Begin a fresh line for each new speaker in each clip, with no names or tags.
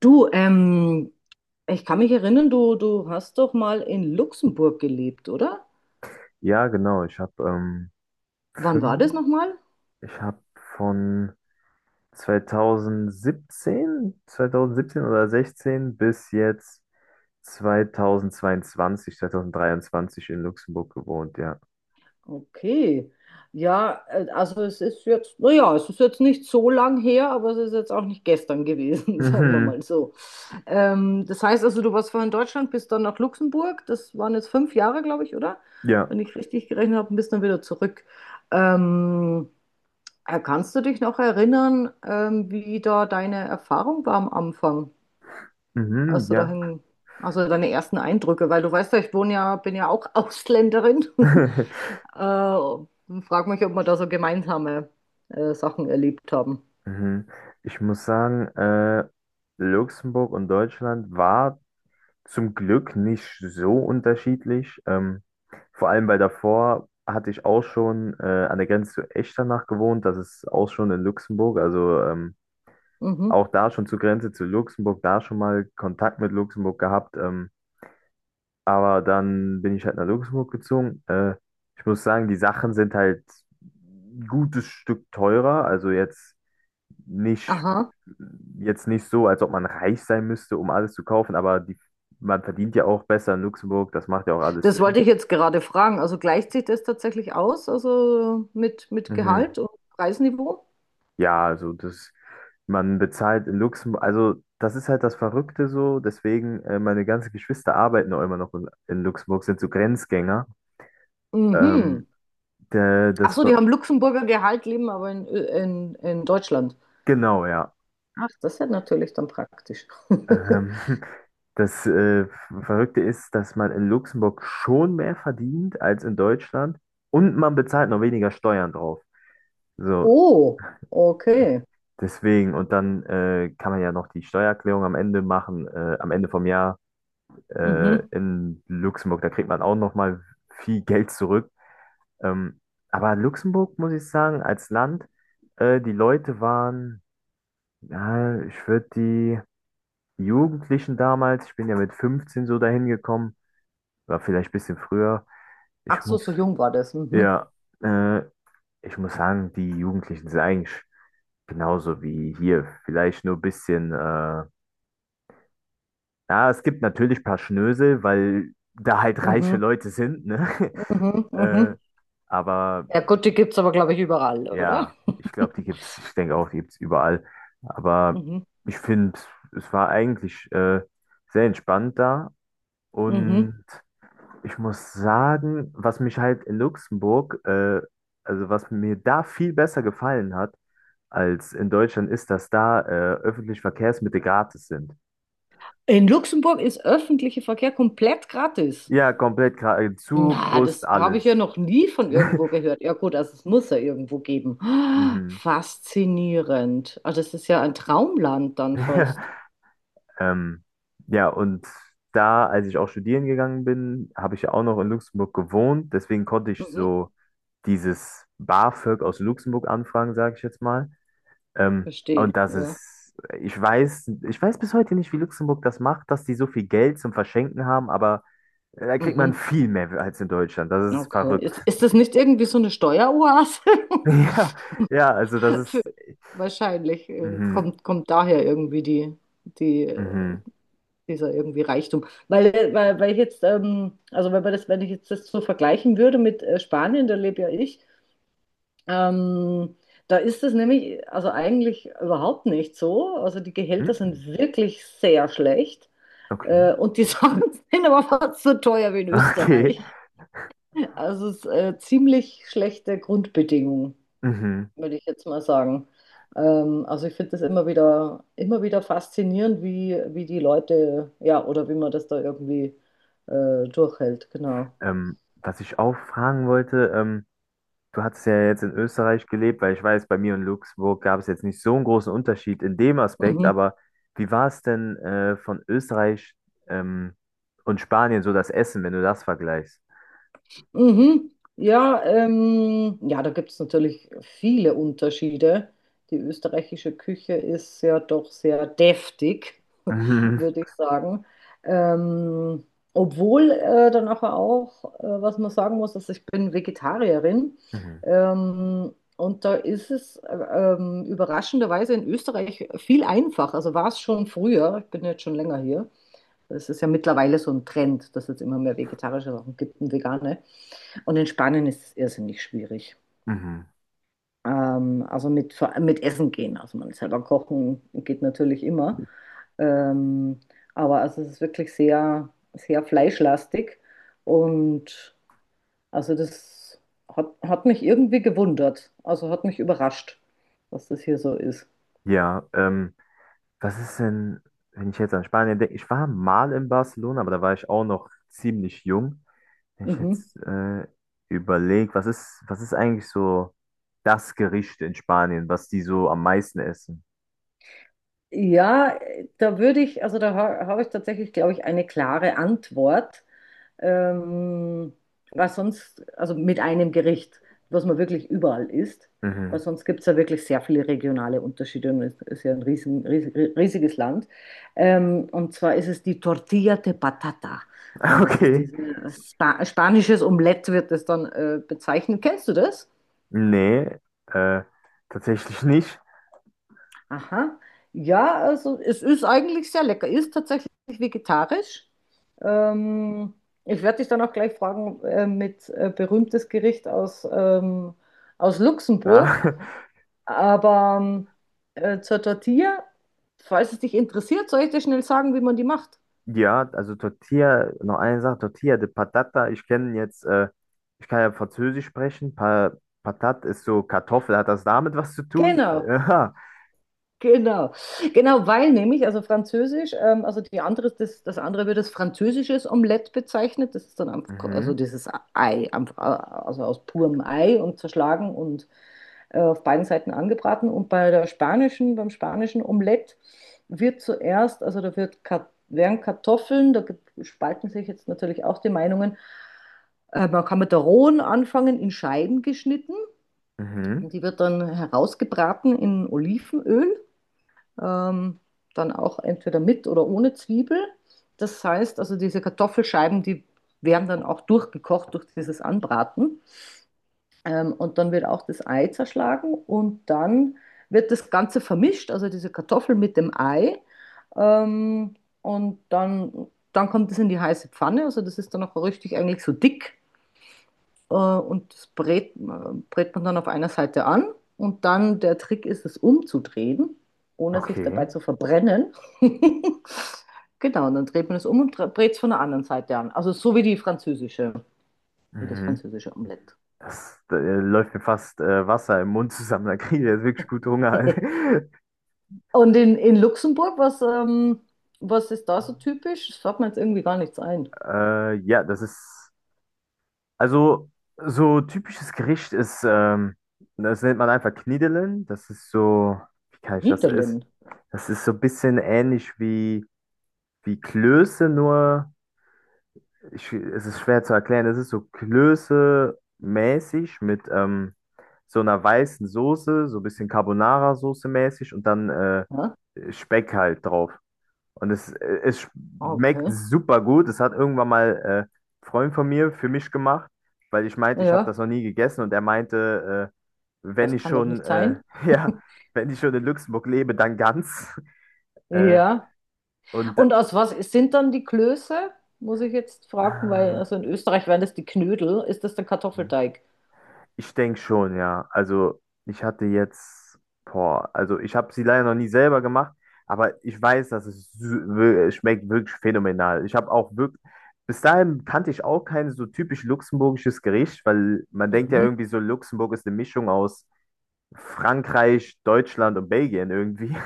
Du, ich kann mich erinnern, du hast doch mal in Luxemburg gelebt, oder?
Ja, genau. Ich habe
Wann war das
fünf,
nochmal?
ich habe von 2017, 2017 oder 16 bis jetzt 2022, 2023 in Luxemburg gewohnt, ja.
Okay. Ja, also es ist jetzt, naja, es ist jetzt nicht so lang her, aber es ist jetzt auch nicht gestern gewesen, sagen wir
Mhm,
mal so. Das heißt also, du warst vorher in Deutschland, bist dann nach Luxemburg, das waren jetzt 5 Jahre, glaube ich, oder?
ja,
Wenn ich richtig gerechnet habe, und bist dann wieder zurück. Ähm, Kannst du dich noch erinnern, wie da deine Erfahrung war am Anfang?
mhm,
Als du
ja.
dahin, also deine ersten Eindrücke, weil du weißt ja, ich wohne ja, bin ja auch Ausländerin. Frag mich, ob wir da so gemeinsame Sachen erlebt haben.
Mhm. Ich muss sagen, Luxemburg und Deutschland war zum Glück nicht so unterschiedlich. Vor allem, weil davor hatte ich auch schon an der Grenze zu Echternach gewohnt. Das ist auch schon in Luxemburg. Also
Mhm.
auch da schon zur Grenze zu Luxemburg, da schon mal Kontakt mit Luxemburg gehabt. Aber dann bin ich halt nach Luxemburg gezogen. Ich muss sagen, die Sachen sind halt ein gutes Stück teurer. Also nicht,
Aha.
jetzt nicht so, als ob man reich sein müsste, um alles zu kaufen, aber man verdient ja auch besser in Luxemburg, das macht ja auch alles
Das
Sinn.
wollte ich jetzt gerade fragen. Also gleicht sich das tatsächlich aus, also mit
Mhm.
Gehalt und Preisniveau?
Ja, also das, man bezahlt in Luxemburg, also das ist halt das Verrückte so, deswegen, meine ganzen Geschwister arbeiten auch immer noch in Luxemburg, sind so Grenzgänger. Ähm,
Mhm.
der,
Ach
das,
so,
Ver-
die haben Luxemburger Gehalt, leben aber Ö- in Deutschland.
genau, ja.
Ach, das ist ja natürlich dann praktisch.
Ähm, das Verrückte ist, dass man in Luxemburg schon mehr verdient als in Deutschland und man bezahlt noch weniger Steuern drauf. So,
Oh, okay.
deswegen, und dann kann man ja noch die Steuererklärung am Ende machen, am Ende vom Jahr
Mhm.
in Luxemburg. Da kriegt man auch noch mal viel Geld zurück. Ähm, aber Luxemburg, muss ich sagen, als Land, die Leute waren, ja, ich würde die Jugendlichen damals, ich bin ja mit 15 so dahin gekommen, war vielleicht ein bisschen früher.
Ach
Ich
so,
muss,
so jung war das. Mhm.
ja, äh, ich muss sagen, die Jugendlichen sind eigentlich genauso wie hier, vielleicht nur ein bisschen. Ja, es gibt natürlich ein paar Schnösel, weil da halt reiche
Mhm,
Leute sind, ne?
mhm,
Äh,
mhm.
aber
Ja gut, die gibt es aber, glaube ich, überall, oder?
ja, ich glaube, die gibt's, ich denke auch, die gibt's überall. Aber
Mhm,
ich finde, es war eigentlich sehr entspannt da.
mhm.
Und ich muss sagen, was mich halt in Luxemburg, also was mir da viel besser gefallen hat als in Deutschland, ist, dass da öffentliche Verkehrsmittel gratis sind.
In Luxemburg ist öffentlicher Verkehr komplett gratis.
Ja, komplett gratis. Zug,
Na,
Bus,
das habe ich
alles.
ja noch nie von irgendwo gehört. Ja gut, also es muss ja irgendwo geben.
Mhm.
Faszinierend. Also das ist ja ein Traumland dann fast.
Ähm, ja, und da, als ich auch studieren gegangen bin, habe ich ja auch noch in Luxemburg gewohnt. Deswegen konnte ich
Mhm,
so dieses BAföG aus Luxemburg anfragen, sage ich jetzt mal. Ähm, und
verstehe,
das
ja.
ist, ich weiß bis heute nicht, wie Luxemburg das macht, dass die so viel Geld zum Verschenken haben, aber da kriegt man
Mhm,
viel mehr als in Deutschland. Das ist
okay.
verrückt.
Ist das nicht irgendwie so eine Steueroase?
Ja, ja, also das
Für,
ist.
wahrscheinlich
Mhm,
kommt, kommt daher irgendwie die, die
mhm,
dieser irgendwie Reichtum. Weil, weil, weil ich jetzt, also wenn man das, wenn ich jetzt das so vergleichen würde mit Spanien, da lebe ja ich, ähm, da ist es nämlich, also eigentlich überhaupt nicht so. Also die Gehälter
mhm,
sind wirklich sehr schlecht.
okay,
Und die Sachen sind aber fast so teuer wie in
okay.
Österreich. Also es ist ziemlich schlechte Grundbedingungen
Mhm.
würde ich jetzt mal sagen. Also ich finde das immer wieder faszinierend, wie, wie die Leute, ja, oder wie man das da irgendwie durchhält, genau.
Was ich auch fragen wollte, du hattest ja jetzt in Österreich gelebt, weil ich weiß, bei mir in Luxemburg gab es jetzt nicht so einen großen Unterschied in dem Aspekt,
Mhm.
aber wie war es denn von Österreich ähm, und Spanien so das Essen, wenn du das vergleichst?
Mhm. Ja, ja, da gibt es natürlich viele Unterschiede. Die österreichische Küche ist ja doch sehr deftig,
Mhm.
würde ich sagen. Ähm, obwohl dann nachher auch, was man sagen muss, dass ich bin Vegetarierin.
Mhm.
Und da ist es überraschenderweise in Österreich viel einfacher. Also war es schon früher, ich bin jetzt schon länger hier. Es ist ja mittlerweile so ein Trend, dass es jetzt immer mehr vegetarische Sachen gibt und vegane. Und in Spanien ist es irrsinnig schwierig.
Mhm.
Also mit Essen gehen. Also man selber kochen geht natürlich immer. Ähm, aber also es ist wirklich sehr, sehr fleischlastig. Und also das hat, hat mich irgendwie gewundert. Also hat mich überrascht, dass das hier so ist.
Ja, was ist denn, wenn ich jetzt an Spanien denke? Ich war mal in Barcelona, aber da war ich auch noch ziemlich jung. Wenn ich
Mhm.
jetzt überlege, was ist eigentlich so das Gericht in Spanien, was die so am meisten essen?
Ja, da würde ich, also da ha habe ich tatsächlich, glaube ich, eine klare Antwort. ähm, Was sonst, also mit einem Gericht, was man wirklich überall isst, weil
Mhm.
sonst gibt es ja wirklich sehr viele regionale Unterschiede und es ist ja ein riesen, riesen, riesiges Land. Und zwar ist es die Tortilla de Patata. Also es ist
Okay.
dieses spanisches Omelett, wird das dann bezeichnet. Kennst du das?
Nee, äh, tatsächlich nicht.
Aha. Ja, also es ist eigentlich sehr lecker. Ist tatsächlich vegetarisch. Ähm, ich werde dich dann auch gleich fragen mit berühmtes Gericht aus, aus
Ja,
Luxemburg. Aber zur Tortilla, falls es dich interessiert, soll ich dir schnell sagen, wie man die macht.
ja, also Tortilla, noch eine Sache, Tortilla de Patata, ich kenne jetzt, ich kann ja Französisch sprechen, pa Patat ist so Kartoffel, hat das damit was zu tun?
Genau.
Ja.
Genau, genau, weil nämlich, also Französisch, also die andere, das, das andere wird als französisches Omelett bezeichnet. Das ist dann einfach, also
Mhm.
dieses Ei, einfach, also aus purem Ei und zerschlagen und auf beiden Seiten angebraten. Und bei der spanischen, beim spanischen Omelett wird zuerst, also da wird, Ka- werden Kartoffeln, da gibt- spalten sich jetzt natürlich auch die Meinungen, man kann mit der rohen anfangen, in Scheiben geschnitten.
Mhm.
Und die wird dann herausgebraten in Olivenöl, ähm, dann auch entweder mit oder ohne Zwiebel. Das heißt, also diese Kartoffelscheiben, die werden dann auch durchgekocht durch dieses Anbraten. Und dann wird auch das Ei zerschlagen und dann wird das Ganze vermischt, also diese Kartoffel mit dem Ei. Ähm, und dann kommt es in die heiße Pfanne. Also das ist dann auch richtig eigentlich so dick, und das brät man dann auf einer Seite an. Und dann der Trick ist, es umzudrehen, ohne sich
Okay.
dabei zu verbrennen. Genau, und dann dreht man es um und brät es von der anderen Seite an. Also so wie die französische, wie das
Mhm.
französische Omelett.
Das, da läuft mir fast Wasser im Mund zusammen. Da kriege ich jetzt wirklich gut Hunger.
Und in Luxemburg, was, was ist da so typisch? Das fällt mir jetzt irgendwie gar nichts ein.
Ja, das ist. Also, so typisches Gericht ist, das nennt man einfach Knidelen. Das ist so, wie kann ich das ist?
Niederlin.
Das ist so ein bisschen wie Klöße, nur ich, es ist schwer zu erklären. Es ist so Klöße-mäßig mit so einer weißen Soße, so ein bisschen Carbonara-Soße mäßig und dann
Ja?
Speck halt drauf. Und es schmeckt
Okay.
super gut. Das hat irgendwann mal ein Freund von mir für mich gemacht, weil ich meinte, ich habe
Ja,
das noch nie gegessen. Und er meinte, wenn
das
ich
kann doch
schon,
nicht sein.
ja, wenn ich schon in Luxemburg lebe, dann ganz. Äh,
Ja.
und
Und aus was sind dann die Klöße? Muss ich jetzt fragen, weil
äh,
also in Österreich wären das die Knödel. Ist das der Kartoffelteig?
ich denke schon, ja. Also ich hatte jetzt, boah, also ich habe sie leider noch nie selber gemacht, aber ich weiß, dass es es schmeckt wirklich phänomenal. Ich habe auch wirklich, bis dahin kannte ich auch kein so typisch luxemburgisches Gericht, weil man denkt ja
Mhm.
irgendwie so, Luxemburg ist eine Mischung aus Frankreich, Deutschland und Belgien irgendwie.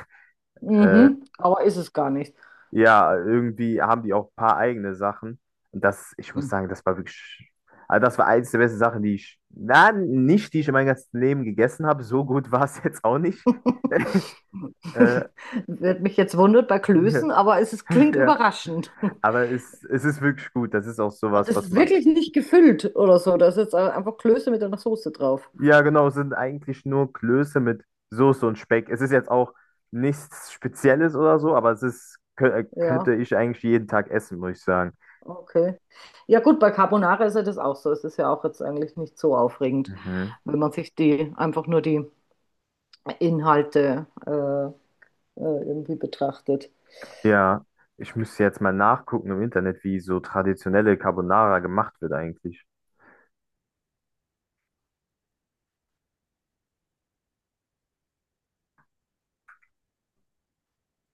Mhm. Aber ist es gar nicht.
Ja, irgendwie haben die auch ein paar eigene Sachen. Und das, ich muss
Mhm.
sagen, das war wirklich, also das war eins der besten Sachen, die ich, na, nicht, die ich in meinem ganzen Leben gegessen habe. So gut war es jetzt auch nicht. Äh,
Wird mich jetzt wundert bei Klößen, aber es ist, klingt
ja,
überraschend. Und
aber es ist wirklich gut. Das ist auch sowas,
es
was
ist
man.
wirklich nicht gefüllt oder so. Das ist jetzt einfach Klöße mit einer Soße drauf.
Ja, genau, es sind eigentlich nur Klöße mit Soße und Speck. Es ist jetzt auch nichts Spezielles oder so, aber es ist,
Ja,
könnte ich eigentlich jeden Tag essen, muss ich sagen.
okay. Ja gut, bei Carbonara ist ja das auch so. Es ist ja auch jetzt eigentlich nicht so aufregend,
Mhm.
wenn man sich die einfach nur die Inhalte irgendwie betrachtet.
Ja, ich müsste jetzt mal nachgucken im Internet, wie so traditionelle Carbonara gemacht wird eigentlich.